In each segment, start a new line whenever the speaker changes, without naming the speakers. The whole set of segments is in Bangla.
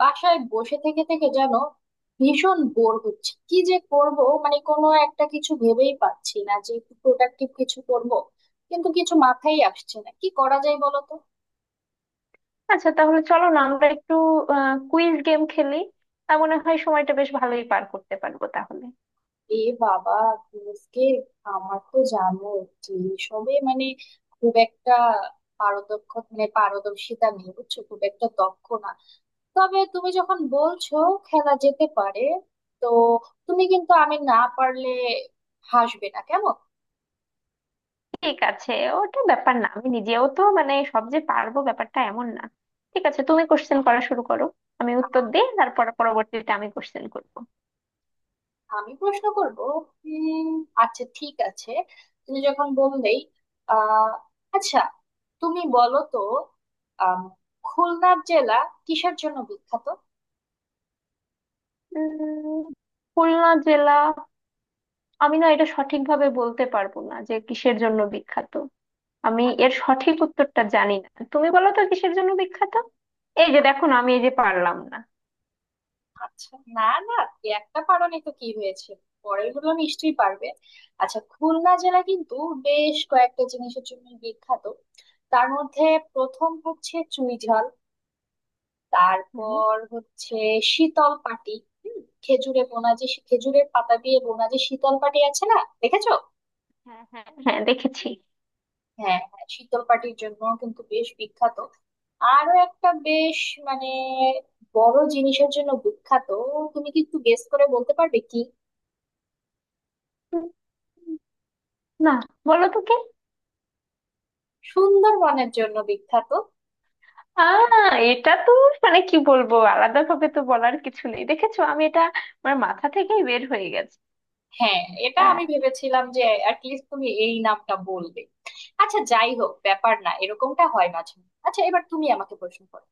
বাসায় বসে থেকে থেকে যেন ভীষণ বোর হচ্ছে, কি যে করব। মানে, কোনো একটা কিছু ভেবেই পাচ্ছি না যে একটু প্রোডাক্টিভ কিছু করব, কিন্তু কিছু মাথায় আসছে না, কি করা যায় বলো তো?
আচ্ছা, তাহলে চলো না আমরা একটু কুইজ গেম খেলি। তা মনে হয় সময়টা বেশ ভালোই পার করতে পারবো তাহলে।
এ বাবা, আজকে আমার তো জানো যে সবে মানে খুব একটা পারদক্ষ, মানে পারদর্শিতা নেই, বুঝছো, খুব একটা দক্ষ না। তবে তুমি যখন বলছো, খেলা যেতে পারে। তো তুমি কিন্তু আমি না পারলে হাসবে না, কেমন?
ঠিক আছে, ওটা ব্যাপার না। আমি নিজেও তো মানে সব যে পারবো ব্যাপারটা এমন না। ঠিক আছে, তুমি কোশ্চেন করা শুরু করো। আমি উত্তর দিই, তারপর পরবর্তীতে আমি কোশ্চেন করবো।
আমি প্রশ্ন করব। উম আচ্ছা ঠিক আছে, তুমি যখন বললেই। আহ আচ্ছা, তুমি বলো তো, আম, খুলনা জেলা কিসের জন্য বিখ্যাত?
উম খুলনা জেলা, আমি না এটা সঠিকভাবে বলতে পারবো না যে কিসের জন্য বিখ্যাত। আমি
আ-
এর সঠিক উত্তরটা জানি না। তুমি বলো তো কিসের জন্য বিখ্যাত। এই যে
আ-
দেখো না, আমি এই যে পারলাম
আচ্ছা, না, না, এই একটা কারণে তো কি হয়েছে, পরেরগুলো নিশ্চয়ই পারবে। আচ্ছা, খুলনা জেলা কিন্তু বেশ কয়েকটা জিনিসের জন্য বিখ্যাত। তার মধ্যে প্রথম হচ্ছে চুই ঝাল,
না।
তারপর হচ্ছে শীতল পাটি। হুম, খেজুরে বোনা, যে খেজুরের পাতা দিয়ে বোনা যে শীতল পাটি আছে না, দেখেছো?
হ্যাঁ, হ্যাঁ, হ্যাঁ, দেখেছি।
হ্যাঁ হ্যাঁ, শীতল পাটির জন্য কিন্তু বেশ বিখ্যাত। আরো একটা বেশ মানে বড় জিনিসের জন্য বিখ্যাত, তুমি কি একটু গেস করে বলতে পারবে কি?
উম, না, বলো তো কে।
সুন্দরবনের জন্য বিখ্যাত।
এটা তো মানে কি বলবো, আলাদা ভাবে তো বলার কিছু নেই। দেখেছো, আমি এটা আমার মাথা থেকেই বের হয়ে গেছে।
হ্যাঁ, এটা আমি
আহ,
ভেবেছিলাম যে অ্যাটলিস্ট তুমি এই নামটা বলবে। আচ্ছা, যাই হোক, ব্যাপার না, এরকমটা হয় মাঝে মাঝে। আচ্ছা, এবার তুমি আমাকে প্রশ্ন করো।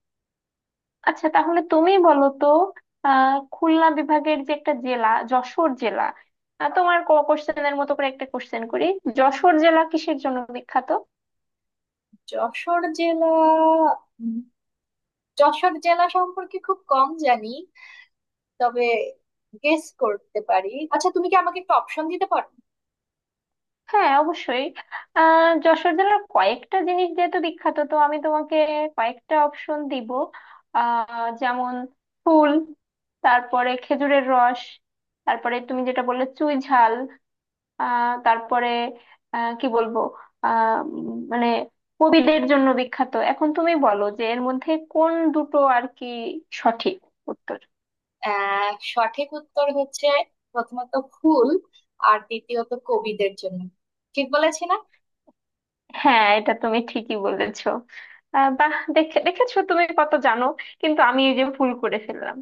আচ্ছা, তাহলে তুমি বলো তো। খুলনা বিভাগের যে একটা জেলা যশোর জেলা, তোমার কোশ্চেনের মতো করে একটা কোশ্চেন করি। যশোর জেলা কিসের জন্য বিখ্যাত?
যশোর জেলা, উম, যশোর জেলা সম্পর্কে খুব কম জানি, তবে গেস করতে পারি। আচ্ছা তুমি কি আমাকে একটা অপশন দিতে পারো?
হ্যাঁ, অবশ্যই। যশোর জেলার কয়েকটা জিনিস যেহেতু বিখ্যাত, তো আমি তোমাকে কয়েকটা অপশন দিব। যেমন ফুল, তারপরে খেজুরের রস, তারপরে তুমি যেটা বললে চুই ঝাল, তারপরে কি বলবো, মানে কবিদের জন্য বিখ্যাত। এখন তুমি বলো যে এর মধ্যে কোন দুটো আর কি সঠিক উত্তর।
সঠিক উত্তর হচ্ছে, প্রথমত ফুল, আর দ্বিতীয়ত কবিদের জন্য। ঠিক বলেছি না?
হ্যাঁ, এটা তুমি ঠিকই বলেছো। বাহ, দেখেছো তুমি কত জানো, কিন্তু আমি এই যে ভুল করে ফেললাম।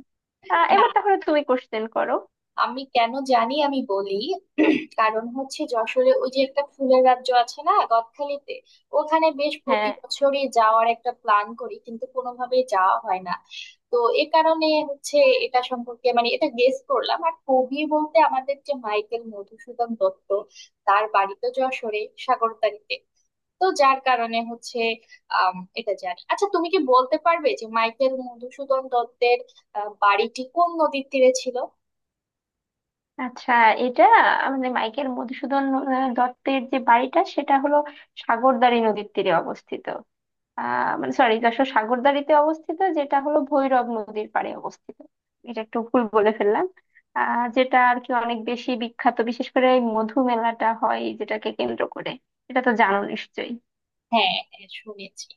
এবার
না,
তাহলে তুমি কোশ্চেন করো।
আমি কেন জানি, আমি বলি, কারণ হচ্ছে যশোরে ওই যে একটা ফুলের রাজ্য আছে না গদখালিতে, ওখানে বেশ প্রতি
হ্যাঁ,
বছরই যাওয়ার একটা প্ল্যান করি কিন্তু কোনোভাবেই যাওয়া হয় না। তো এ কারণে হচ্ছে এটা সম্পর্কে, মানে এটা গেস করলাম। আর কবি বলতে আমাদের যে মাইকেল মধুসূদন দত্ত, তার বাড়ি তো যশোরে, সাগরতারিতে। তো যার কারণে হচ্ছে, এটা জানি। আচ্ছা তুমি কি বলতে পারবে যে মাইকেল মধুসূদন দত্তের বাড়িটি কোন নদীর তীরে ছিল?
আচ্ছা। এটা মানে মাইকেল মধুসূদন দত্তের যে বাড়িটা সেটা হলো সাগরদাঁড়ি নদীর তীরে অবস্থিত। মানে সরি, যশোর সাগরদাঁড়িতে অবস্থিত যেটা হলো ভৈরব নদীর পাড়ে অবস্থিত। এটা একটু ভুল বলে ফেললাম। যেটা আর কি অনেক বেশি বিখ্যাত, বিশেষ করে এই মধু মেলাটা হয় যেটাকে কেন্দ্র করে। এটা তো জানো নিশ্চয়ই।
হ্যাঁ হ্যাঁ, শুনেছি।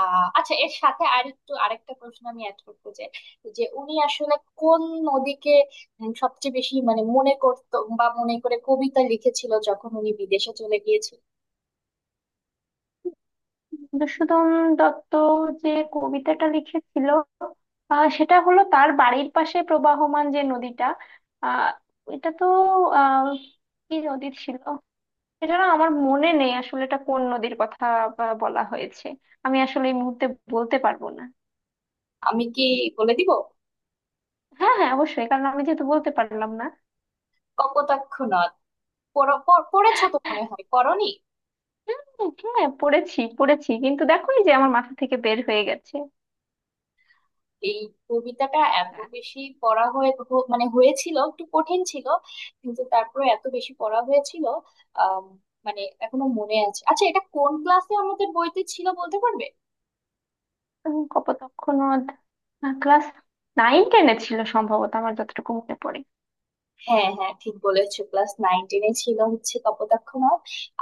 আচ্ছা, এর সাথে আরেকটু আরেকটা প্রশ্ন আমি অ্যাড করবো, যে যে উনি আসলে কোন নদীকে সবচেয়ে বেশি, মানে মনে করতো বা মনে করে কবিতা লিখেছিল যখন উনি বিদেশে চলে গিয়েছিল।
মধুসূদন দত্ত যে কবিতাটা লিখেছিল, সেটা হলো তার বাড়ির পাশে প্রবাহমান যে নদীটা। আহ এটা তো আহ কি নদী ছিল? এটা না আমার মনে নেই আসলে, এটা কোন নদীর কথা বলা হয়েছে। আমি আসলে এই মুহূর্তে বলতে পারবো না।
আমি কি বলে দিব?
হ্যাঁ, হ্যাঁ, অবশ্যই, কারণ আমি যেহেতু বলতে পারলাম না।
কপোতাক্ষ নদ। পড়- পড়- পড়েছো তো, মনে হয় পড়নি।
হ্যাঁ, হ্যাঁ, পড়েছি, পড়েছি, কিন্তু দেখো এই যে আমার মাথা থেকে বের হয়ে গেছে।
এই কবিতাটা এত
আচ্ছা।
বেশি পড়া মানে হয়েছিল, একটু কঠিন ছিল, কিন্তু তারপরে এত বেশি পড়া হয়েছিল, আম, মানে এখনো মনে আছে। আচ্ছা এটা কোন ক্লাসে আমাদের বইতে ছিল বলতে পারবে?
কপোতাক্ষ নদ ক্লাস নাইন টেনে ছিল সম্ভবত, আমার যতটুকু মনে পড়ে।
হ্যাঁ হ্যাঁ, ঠিক বলেছো, ক্লাস নাইন টেনে ছিল হচ্ছে কপোতাক্ষ নদ।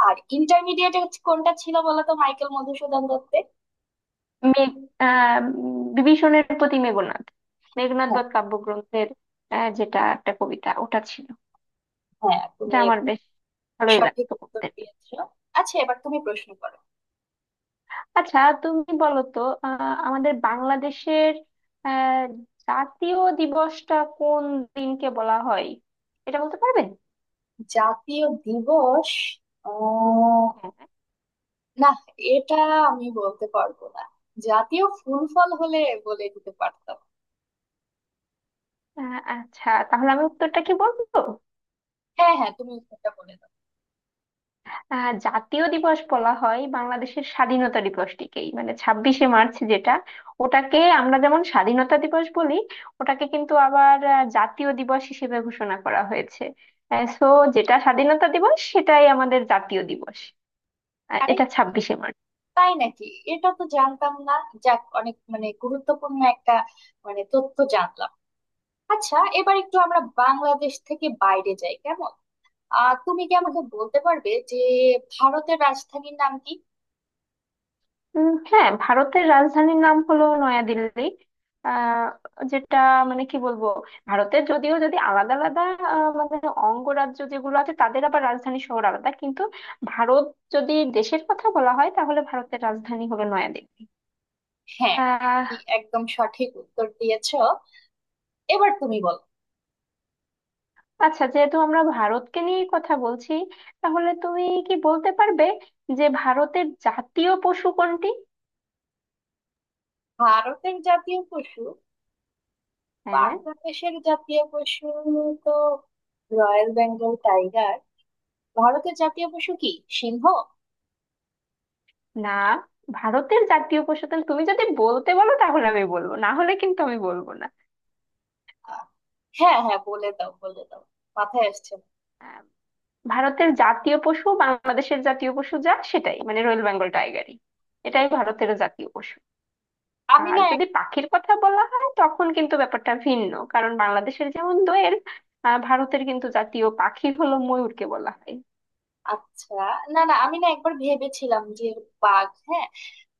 আর ইন্টারমিডিয়েটে কোনটা ছিল বলো তো মাইকেল মধুসূদন দত্তের?
মেঘ বিভীষণের প্রতি মেঘনাদ, মেঘনাদ
হ্যাঁ
বধ কাব্যগ্রন্থের, যেটা একটা কবিতা, ওটা ছিল।
হ্যাঁ, তুমি
এটা আমার
একদম
বেশ ভালোই
সঠিক
লাগতো
উত্তর
পড়তে।
দিয়েছো। আচ্ছা, এবার তুমি প্রশ্ন করো।
আচ্ছা, তুমি বলো তো আমাদের বাংলাদেশের আহ, জাতীয় দিবসটা কোন দিনকে বলা হয়? এটা বলতে পারবে?
জাতীয় দিবস?
হ্যাঁ।
না, এটা আমি বলতে পারবো না। জাতীয় ফুল ফল হলে বলে দিতে পারতাম।
আচ্ছা, তাহলে আমি উত্তরটা কি বলবো?
হ্যাঁ হ্যাঁ, তুমি উত্তরটা বলে দাও।
জাতীয় দিবস বলা হয় বাংলাদেশের স্বাধীনতা দিবসটিকেই, মানে 26শে মার্চ যেটা, ওটাকে আমরা যেমন স্বাধীনতা দিবস বলি, ওটাকে কিন্তু আবার জাতীয় দিবস হিসেবে ঘোষণা করা হয়েছে। সো যেটা স্বাধীনতা দিবস সেটাই আমাদের জাতীয় দিবস।
আরে,
এটা 26শে মার্চ।
তাই নাকি? এটা তো জানতাম না। যাক, অনেক মানে গুরুত্বপূর্ণ একটা মানে তথ্য জানলাম। আচ্ছা, এবার একটু আমরা বাংলাদেশ থেকে বাইরে যাই, কেমন? তুমি কি আমাকে বলতে পারবে যে ভারতের রাজধানীর নাম কি?
হ্যাঁ, ভারতের রাজধানীর নাম হলো নয়াদিল্লি। আহ যেটা মানে কি বলবো, ভারতের যদিও যদি আলাদা আলাদা মানে অঙ্গরাজ্য যেগুলো আছে তাদের আবার রাজধানী শহর আলাদা, কিন্তু ভারত যদি দেশের কথা বলা হয় তাহলে ভারতের রাজধানী হলো নয়াদিল্লি।
হ্যাঁ, কি
আহ
একদম সঠিক উত্তর দিয়েছো। এবার তুমি বলো।
আচ্ছা, যেহেতু আমরা ভারতকে নিয়ে কথা বলছি, তাহলে তুমি কি বলতে পারবে যে ভারতের জাতীয় পশু কোনটি?
ভারতের জাতীয় পশু,
হ্যাঁ।
বাংলাদেশের জাতীয় পশু তো রয়্যাল বেঙ্গল টাইগার, ভারতের জাতীয় পশু কি সিংহ?
না, ভারতের জাতীয় পশু তাহলে তুমি যদি বলতে বলো তাহলে আমি বলবো, না হলে কিন্তু আমি বলবো না।
আহ, হ্যাঁ হ্যাঁ, বলে দাও, বলে দাও, মাথায় আসছে না।
আহ, ভারতের জাতীয় পশু বাংলাদেশের জাতীয় পশু যা সেটাই, মানে রয়েল বেঙ্গল টাইগারই এটাই ভারতের জাতীয় পশু।
আমি
আর
না
যদি
এক-
পাখির কথা বলা হয় তখন কিন্তু ব্যাপারটা ভিন্ন, কারণ বাংলাদেশের যেমন দোয়েল, ভারতের কিন্তু জাতীয় পাখি হলো ময়ূরকে বলা হয়।
আচ্ছা, না না, আমি না একবার ভেবেছিলাম যে বাঘ, হ্যাঁ।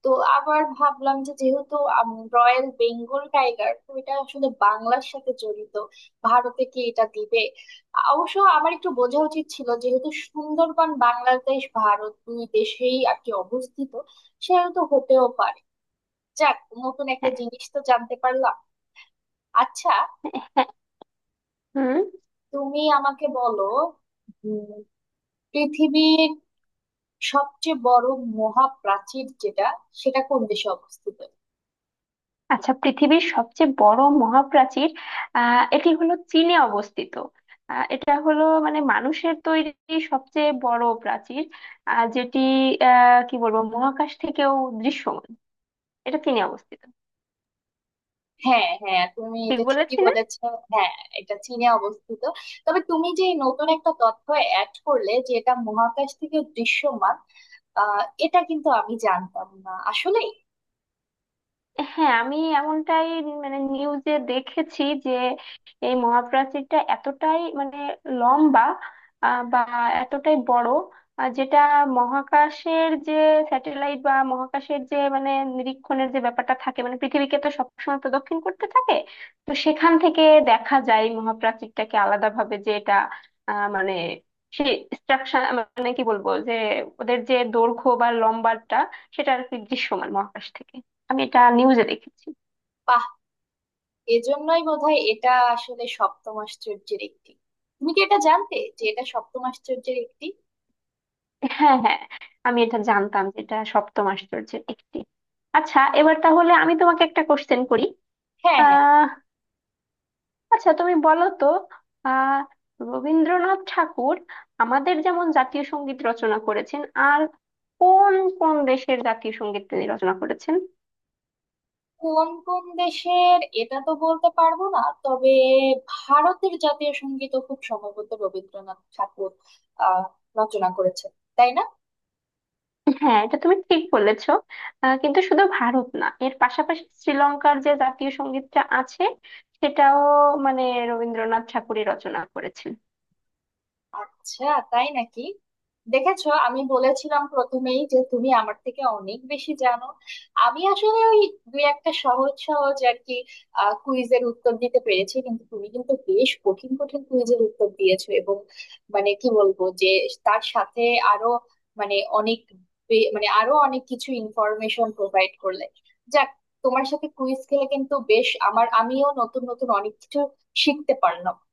তো আবার ভাবলাম যে যেহেতু রয়্যাল বেঙ্গল টাইগার, তো এটা আসলে বাংলার সাথে জড়িত, ভারতে কি এটা দিবে? অবশ্য আমার একটু বোঝা উচিত ছিল, যেহেতু সুন্দরবন বাংলাদেশ ভারত দুই দেশেই আর কি অবস্থিত, সেহেতু হতেও পারে। যাক, নতুন একটা
হ্যাঁ,
জিনিস তো জানতে পারলাম। আচ্ছা,
হ্যাঁ, হুম।
তুমি আমাকে বলো, উম, পৃথিবীর সবচেয়ে বড় মহাপ্রাচীর যেটা, সেটা কোন দেশে অবস্থিত?
আচ্ছা, পৃথিবীর সবচেয়ে বড় মহাপ্রাচীর, এটি হলো চীনে অবস্থিত। এটা হলো মানে মানুষের তৈরি সবচেয়ে বড় প্রাচীর, যেটি কি বলবো, মহাকাশ থেকেও দৃশ্যমান। এটা চীনে অবস্থিত।
হ্যাঁ হ্যাঁ, তুমি
ঠিক
এটা ঠিকই
বলেছি না?
বলেছো। হ্যাঁ, এটা চীনে অবস্থিত। তবে তুমি যে নতুন একটা তথ্য অ্যাড করলে, যে এটা মহাকাশ থেকে দৃশ্যমান, এটা কিন্তু আমি জানতাম না আসলে।
হ্যাঁ, আমি এমনটাই মানে নিউজে দেখেছি যে এই মহাপ্রাচীরটা এতটাই মানে লম্বা, বা এতটাই বড়, যেটা মহাকাশের যে স্যাটেলাইট বা মহাকাশের যে মানে নিরীক্ষণের যে ব্যাপারটা থাকে, মানে পৃথিবীকে তো সবসময় প্রদক্ষিণ করতে থাকে, তো সেখান থেকে দেখা যায় এই মহাপ্রাচীরটাকে আলাদাভাবে, যে এটা মানে সেই স্ট্রাকচার, মানে কি বলবো যে ওদের যে দৈর্ঘ্য বা লম্বাটা সেটা আর কি দৃশ্যমান মহাকাশ থেকে। আমি এটা নিউজে দেখেছি।
বাহ, এজন্যই বোধহয় এটা আসলে সপ্তম আশ্চর্যের একটি। তুমি কি এটা জানতে যে এটা সপ্তম আশ্চর্যের একটি?
হ্যাঁ, হ্যাঁ, আমি এটা জানতাম যে এটা সপ্তম আশ্চর্যের একটি। আচ্ছা, এবার তাহলে আমি তোমাকে একটা কোশ্চেন করি।
হ্যাঁ হ্যাঁ।
আহ আচ্ছা, তুমি বলো তো, আহ রবীন্দ্রনাথ ঠাকুর আমাদের যেমন জাতীয় সঙ্গীত রচনা করেছেন, আর কোন কোন দেশের জাতীয় সঙ্গীত তিনি রচনা করেছেন?
কোন কোন দেশের এটা তো বলতে পারবো না, তবে ভারতের জাতীয় সঙ্গীত খুব সম্ভবত রবীন্দ্রনাথ ঠাকুর আহ রচনা করেছেন, তাই না?
হ্যাঁ, এটা তুমি ঠিক বলেছো। কিন্তু শুধু ভারত না, এর পাশাপাশি শ্রীলঙ্কার যে জাতীয় সঙ্গীতটা আছে সেটাও মানে রবীন্দ্রনাথ ঠাকুরই রচনা করেছেন।
আচ্ছা, তাই নাকি? দেখেছো, আমি বলেছিলাম প্রথমেই যে তুমি আমার থেকে অনেক বেশি জানো। আমি আসলে ওই দুই একটা সহজ সহজ আর কি কুইজের উত্তর দিতে পেরেছি, কিন্তু তুমি কিন্তু বেশ কঠিন কঠিন কুইজের উত্তর দিয়েছো। এবং মানে কি বলবো যে তার সাথে আরো মানে অনেক মানে আরো অনেক কিছু ইনফরমেশন প্রোভাইড করলে। যাক, তোমার সাথে কুইজ খেলে কিন্তু বেশ আমার আমিও নতুন নতুন অনেক কিছু শিখতে পারলাম।